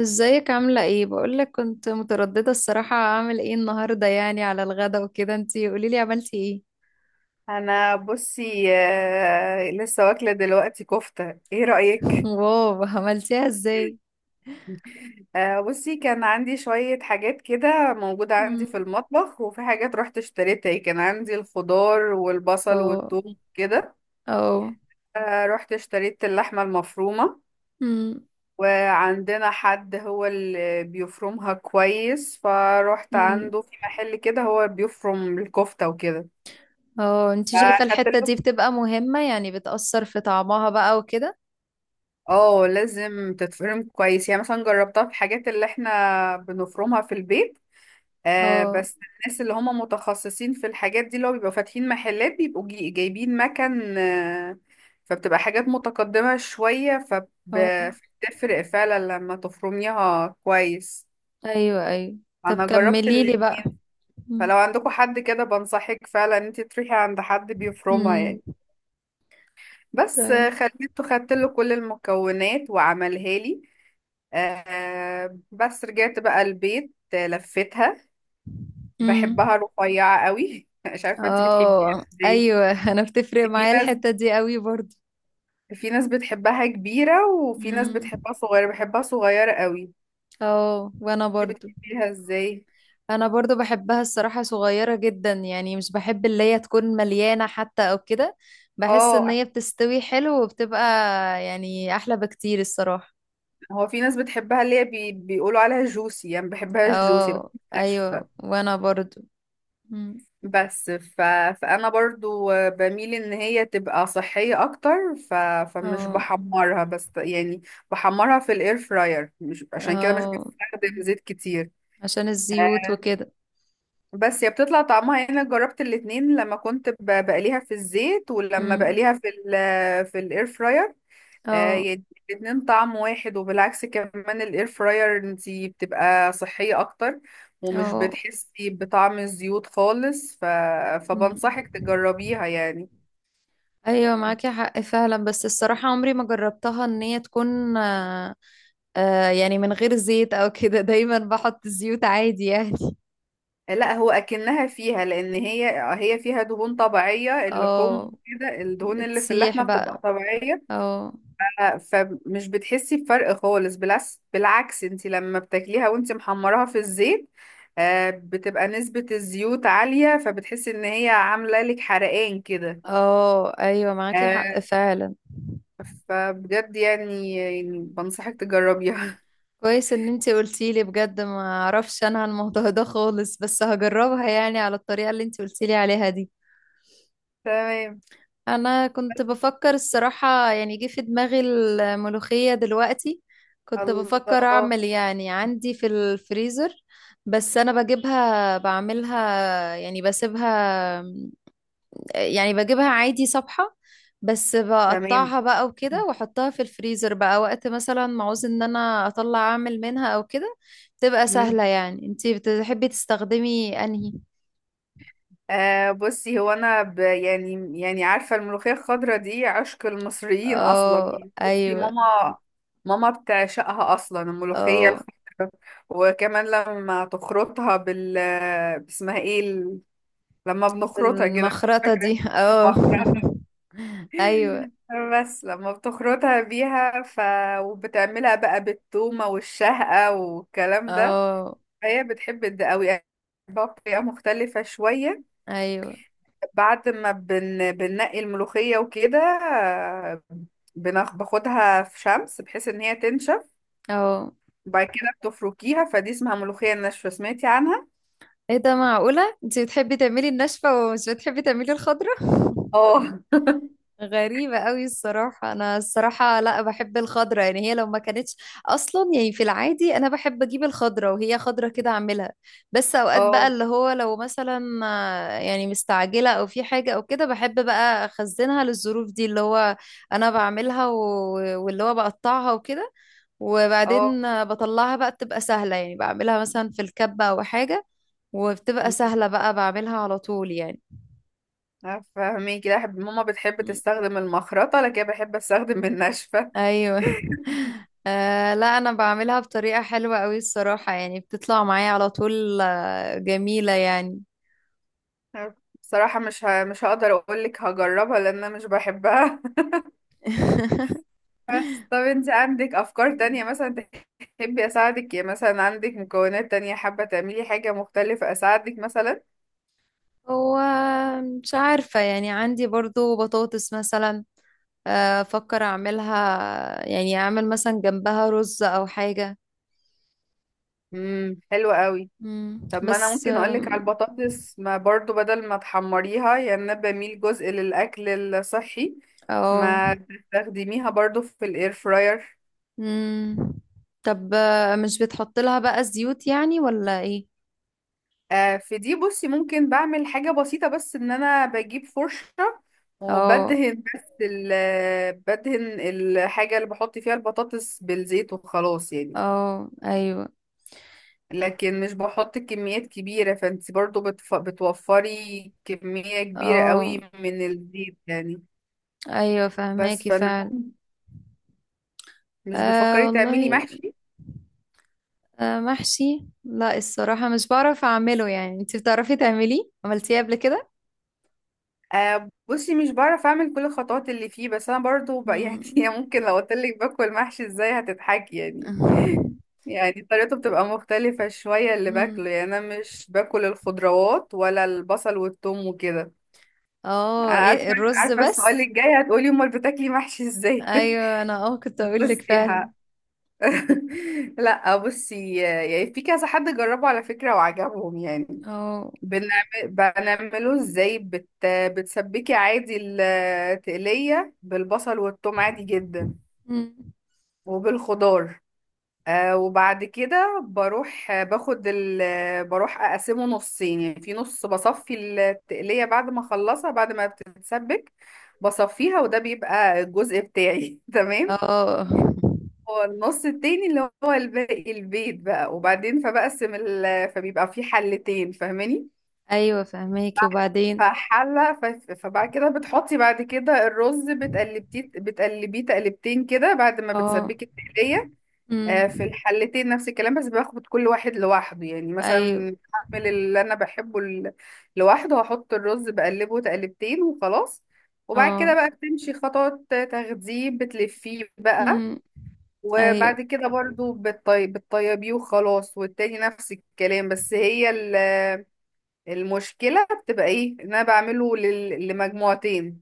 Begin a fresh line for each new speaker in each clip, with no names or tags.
ازيك؟ عاملة ايه؟ بقولك كنت مترددة الصراحة، اعمل ايه النهاردة يعني على الغدا وكده. انتي قوليلي عملتي ايه؟
انا بصي، لسه واكله دلوقتي كفته. ايه رايك؟
واو، عملتيها ازاي؟
بصي كان عندي شويه حاجات كده موجوده عندي في
مم.
المطبخ، وفي حاجات رحت اشتريتها، يعني كان عندي الخضار والبصل
اه.
والثوم كده.
اه.
رحت اشتريت اللحمه المفرومه.
مم.
وعندنا حد هو اللي بيفرمها كويس، فروحت
مم.
عنده في محل كده هو بيفرم الكفته وكده.
اه، انتي شايفة الحتة دي
فاخدت.
بتبقى مهمة؟ يعني بتأثر في طعمها بقى وكده.
اه، لازم تتفرم كويس، يعني مثلا جربتها في الحاجات اللي احنا بنفرمها في البيت.
اه.
بس الناس اللي هم متخصصين في الحاجات دي، اللي هو بيبقوا فاتحين محلات، بيبقوا جايبين مكن. فبتبقى حاجات متقدمة شوية.
اه،
فبتفرق فعلا لما تفرميها كويس.
ايوه، ايوه. طب
انا جربت
كمليلي بقى.
الاتنين.
مم.
فلو عندكم حد كده، بنصحك فعلا ان انت تروحي عند حد بيفرمها
مم.
يعني. بس
طيب.
خليته خدت له كل المكونات وعملها لي. بس رجعت بقى البيت، لفيتها.
مم.
بحبها رفيعة قوي. مش عارفة انت بتحبيها
اه،
ازاي.
ايوه، انا بتفرق
في
معايا
ناس
الحتة دي قوي برضو.
في ناس بتحبها كبيرة، وفي ناس
مم.
بتحبها صغيرة، بحبها صغيرة قوي.
اه، وانا
انت
برضو.
بتحبيها ازاي؟
انا برضو بحبها الصراحة صغيرة جدا، يعني مش بحب اللي هي تكون مليانة حتى او كده. بحس ان
اه،
هي بتستوي حلو وبتبقى يعني احلى بكتير الصراحة.
هو في ناس بتحبها اللي هي بيقولوا عليها جوسي، يعني بحبها جوسي، بحبها
اه، ايوه،
ناشفة.
وانا برضو. مم.
بس فانا برضو بميل ان هي تبقى صحية اكتر. فمش
اه.
بحمرها بس يعني. بحمرها في الاير فراير، مش عشان كده مش
اه.
بستخدم زيت كتير.
عشان الزيوت وكده.
بس هي بتطلع طعمها يعني، انا جربت الاتنين لما كنت بقليها في الزيت، ولما
مم.
بقليها في في الاير فراير.
اه.
يعني، الاتنين طعم واحد، وبالعكس كمان الاير فراير انتي بتبقى صحية اكتر، ومش
اه.
بتحسي بطعم الزيوت خالص.
مم.
فبنصحك تجربيها يعني.
ايوه، معاكي حق فعلا. بس الصراحة عمري ما جربتها ان هي تكون يعني من غير زيت او كده. دايما بحط زيوت عادي يعني.
لا، هو اكنها فيها، لان هي فيها دهون طبيعية، اللحوم
اه.
كده الدهون اللي في
بتسيح
اللحمة بتبقى
بقى.
طبيعية.
اه.
ف- فمش بتحسي بفرق خالص، بالعكس بالعكس، انت لما بتاكليها وانت محمراها في الزيت، بتبقى نسبة الزيوت عالية، فبتحسي ان هي عاملة لك حرقان كده.
اه، ايوه، معاكي
آه،
حق فعلا.
فبجد يعني بنصحك تجربيها.
كويس ان انتي قلتيلي. بجد ما اعرفش انا عن الموضوع ده خالص، بس هجربها يعني على الطريقة اللي انتي قلتيلي عليها دي.
تمام.
انا كنت بفكر الصراحة، يعني جه في دماغي الملوخية دلوقتي. كنت بفكر
الله.
اعمل، يعني عندي في الفريزر. بس انا بجيبها بعملها، يعني بسيبها، يعني بجيبها عادي صبحة. بس
تمام.
بقطعها بقى وكده، واحطها في الفريزر بقى وقت مثلا ما عاوز ان انا اطلع اعمل منها او كده. تبقى
مم.
سهلة يعني. انتي بتحبي تستخدمي انهي؟
بصي، هو انا يعني عارفه الملوخيه الخضراء دي عشق المصريين اصلا،
اه،
يعني بصي،
ايوه.
ماما بتعشقها اصلا الملوخيه
اه.
الخضراء. وكمان لما تخرطها اسمها ايه؟ لما بنخرطها كده مش
بالمخرطة
فاكره.
دي، اه.
المخرطة.
ايوه.
بس لما بتخرطها بيها. وبتعملها بقى بالتومه والشهقه والكلام ده،
اه.
هي بتحب ده قوي، بطريقه مختلفه شويه.
ايوه.
بعد ما بننقي الملوخية وكده، باخدها في شمس بحيث ان هي تنشف،
اه.
وبعد كده بتفركيها، فدي اسمها ملوخية ناشفة، سمعتي عنها؟
ايه ده؟ معقولة انتي بتحبي تعملي الناشفة ومش بتحبي تعملي الخضرة؟
اه.
غريبة قوي الصراحة. أنا الصراحة، لا، بحب الخضرة، يعني هي لو ما كانتش أصلا، يعني في العادي أنا بحب أجيب الخضرة وهي خضرة كده أعملها. بس أوقات بقى
اه.
اللي هو لو مثلا يعني مستعجلة أو في حاجة أو كده، بحب بقى أخزنها للظروف دي اللي هو أنا بعملها. واللي هو بقطعها وكده،
اه.
وبعدين بطلعها بقى، بتبقى سهلة يعني، بعملها مثلا في الكبة أو حاجة، وبتبقى سهلة بقى بعملها على طول يعني.
فاهمين كده. ماما بتحب تستخدم المخرطة، لكن أنا بحب استخدم الناشفة.
ايوه. لا، انا بعملها بطريقة حلوة قوي الصراحة، يعني بتطلع معايا على طول، جميلة يعني.
بصراحة مش هقدر اقولك هجربها لان انا مش بحبها. بس طب، انت عندك افكار تانية مثلا؟ تحبي اساعدك؟ يا مثلا عندك مكونات تانية حابة تعملي حاجة مختلفة، اساعدك مثلا؟
هو، مش عارفة. يعني عندي برضو بطاطس مثلا، افكر اعملها، يعني اعمل مثلا جنبها رز او حاجة.
حلو قوي.
مم.
طب ما انا
بس
ممكن اقولك على البطاطس، ما برضو بدل ما تحمريها، يعني انا بميل جزء للاكل الصحي،
اه.
ما تستخدميها برضو في الاير فراير.
مم. طب، مش بتحط لها بقى زيوت يعني ولا ايه؟
في دي بصي، ممكن بعمل حاجة بسيطة بس، ان انا بجيب فرشة
اه.
وبدهن بس، بدهن الحاجة اللي بحط فيها البطاطس بالزيت، وخلاص يعني.
اه، ايوه.
لكن مش بحط كميات كبيرة، فانت برضو بتوفري كمية كبيرة
اه،
قوي من الزيت يعني.
ايوه،
بس
فهماكي
فانا،
فعلا.
مش بتفكري تعملي
والله.
محشي؟
محشي؟ لا الصراحة مش بعرف اعمله. يعني انت بتعرفي تعمليه؟ عملتيه قبل كده؟
بصي مش بعرف اعمل كل الخطوات اللي فيه، بس انا برضو يعني،
مم.
ممكن لو قلت لك باكل محشي ازاي هتضحكي يعني. يعني طريقته بتبقى مختلفة شوية اللي
مم.
باكله، يعني انا مش باكل الخضروات ولا البصل والثوم وكده.
اه،
عارفة،
ايه، الرز
عارفة السؤال
بس.
الجاي، هتقولي امال بتاكلي محشي ازاي.
ايوه، انا كنت اقول لك
بصي
فعلا.
ها. لا بصي، يعني في كذا حد جربه على فكرة وعجبهم يعني.
اه.
بنعمله ازاي، بتسبكي عادي التقلية بالبصل والثوم عادي جدا،
مم.
وبالخضار. وبعد كده بروح، بروح اقسمه نصين، يعني في نص بصفي التقلية بعد ما اخلصها بعد ما بتتسبك، بصفيها وده بيبقى الجزء بتاعي. تمام.
اه.
هو النص التاني اللي هو الباقي البيت بقى، وبعدين فبيبقى في حلتين، فاهماني؟
ايوه، فهماكي. وبعدين؟
فحلة، فبعد كده بتحطي بعد كده الرز، بتقلبيه تقلبتين كده بعد ما
اه.
بتسبكي التقلية.
مم.
في الحلتين نفس الكلام، بس باخد كل واحد لوحده، يعني
ايوه.
مثلا هعمل اللي انا بحبه. لوحده هحط الرز بقلبه تقلبتين وخلاص، وبعد كده
اه.
بقى بتمشي خطوات تغذيه، بتلفيه بقى.
مم. ايوه.
وبعد كده برضو بتطيبيه وخلاص، والتاني نفس الكلام، بس هي ال المشكلة بتبقى ايه؟ ان انا بعمله لمجموعتين،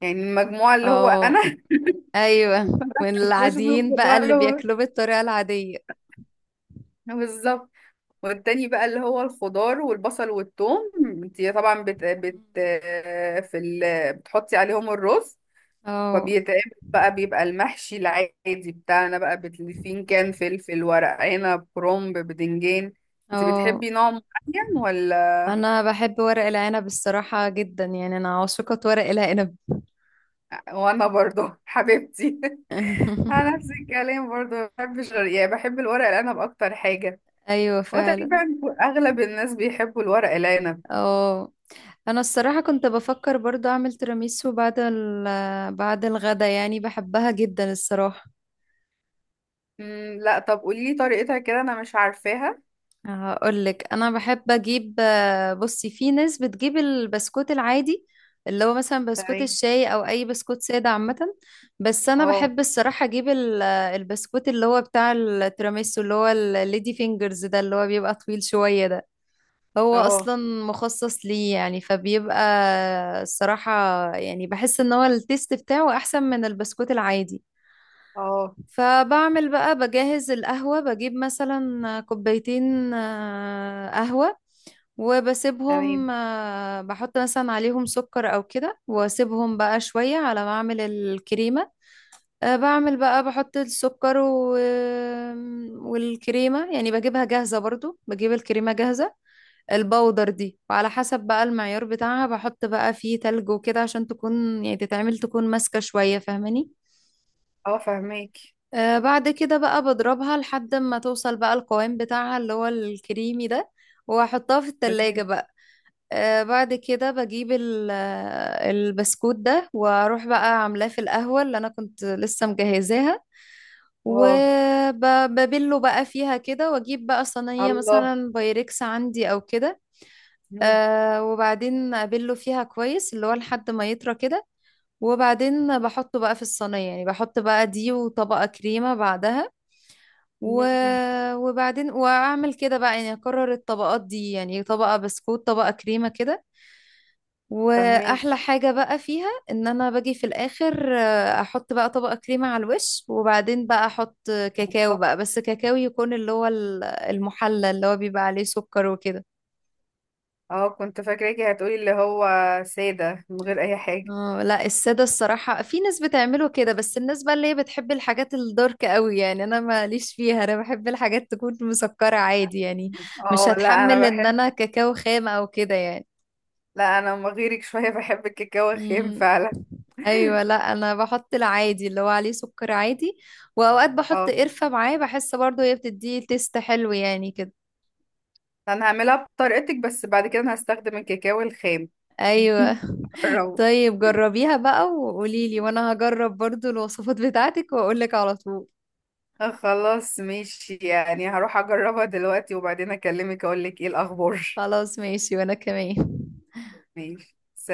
يعني المجموعة اللي هو
اه،
انا.
ايوه، من
مش
العاديين بقى
بالخضار.
اللي بياكلوه بالطريقة العادية.
بالظبط. والتاني بقى اللي هو الخضار والبصل والثوم. انت طبعا بتحطي عليهم الرز،
اه.
فبيتعمل بقى، بيبقى المحشي العادي بتاعنا، بقى بتلفين كان فلفل، ورق عنب، كرنب، بدنجان. انت
اه.
بتحبي نوع معين ولا؟
انا بحب ورق العنب الصراحة جدا، يعني انا عاشقة ورق العنب.
وانا برضه حبيبتي. انا نفس الكلام برضو بحب يعني بحب الورق العنب اكتر حاجه.
ايوه،
هو تقريبا
فعلا.
اغلب الناس بيحبوا الورق العنب.
اه. انا الصراحة كنت بفكر برضو اعمل تيراميسو بعد الغدا، يعني بحبها جدا الصراحة.
لا طب، قولي لي طريقتها كده، انا مش عارفاها.
هقول لك. انا بحب اجيب، بصي، في ناس بتجيب البسكوت العادي اللي هو مثلا بسكوت
تمام.
الشاي او اي بسكوت ساده عامه. بس انا
اه.
بحب الصراحه اجيب البسكوت اللي هو بتاع التيراميسو، اللي هو الليدي فينجرز ده، اللي هو بيبقى طويل شويه ده. هو
اه.
اصلا مخصص ليه يعني، فبيبقى الصراحه، يعني بحس ان هو التيست بتاعه احسن من البسكوت العادي.
اه.
فبعمل بقى، بجهز القهوه، بجيب مثلا كوبايتين قهوه،
تمام.
وبسيبهم، بحط مثلا عليهم سكر او كده، واسيبهم بقى شوية على ما اعمل الكريمة. بعمل بقى، بحط السكر. والكريمة يعني بجيبها جاهزة، برضو بجيب الكريمة جاهزة، البودر دي. وعلى حسب بقى المعيار بتاعها بحط بقى فيه تلج وكده، عشان تكون يعني تتعمل، تكون ماسكة شوية، فاهماني؟
اه. فهماك
بعد كده بقى بضربها لحد ما توصل بقى القوام بتاعها اللي هو الكريمي ده، واحطها في التلاجة
تمام
بقى. بعد كده بجيب البسكوت ده، واروح بقى عاملاه في القهوة اللي انا كنت لسه مجهزاها،
اه
وببله بقى فيها كده، واجيب بقى صينية
الله.
مثلا بايركس عندي او كده.
مم.
وبعدين ابله فيها كويس اللي هو لحد ما يطرى كده، وبعدين بحطه بقى في الصينية، يعني بحط بقى دي وطبقة كريمة بعدها و...
مم.
وبعدين واعمل كده بقى، يعني اكرر الطبقات دي، يعني طبقة بسكوت طبقة كريمة كده.
فهماك.
واحلى حاجة بقى فيها ان انا باجي في الاخر، احط بقى طبقة كريمة على الوش، وبعدين بقى احط كاكاو
بالظبط.
بقى، بس كاكاو يكون اللي هو المحلى اللي هو بيبقى عليه سكر وكده.
اه، كنت فاكراكي هتقولي اللي هو ساده من غير اي حاجه.
اه، لا، السادة الصراحة في ناس بتعمله كده، بس الناس بقى اللي هي بتحب الحاجات الدارك قوي يعني، انا ماليش فيها. انا بحب الحاجات تكون مسكرة عادي يعني، مش
اه، لا انا
هتحمل ان
بحب.
انا كاكاو خام او كده يعني.
لا انا ما غيرك شويه. بحب الكاكاو الخام
مم.
فعلا.
ايوه، لا، انا بحط العادي اللي هو عليه سكر عادي، واوقات بحط
اه،
قرفة معاه، بحس برضو هي بتديه تيست حلو يعني كده.
انا هعملها بطريقتك، بس بعد كده انا هستخدم الكاكاو الخام.
ايوه.
جربه.
طيب، جربيها بقى وقوليلي، وانا هجرب برضو الوصفات بتاعتك واقولك على طول.
خلاص ماشي، يعني هروح اجربها دلوقتي، وبعدين اكلمك اقول لك ايه الاخبار.
خلاص، ماشي، وانا كمان.
ماشي، سلام.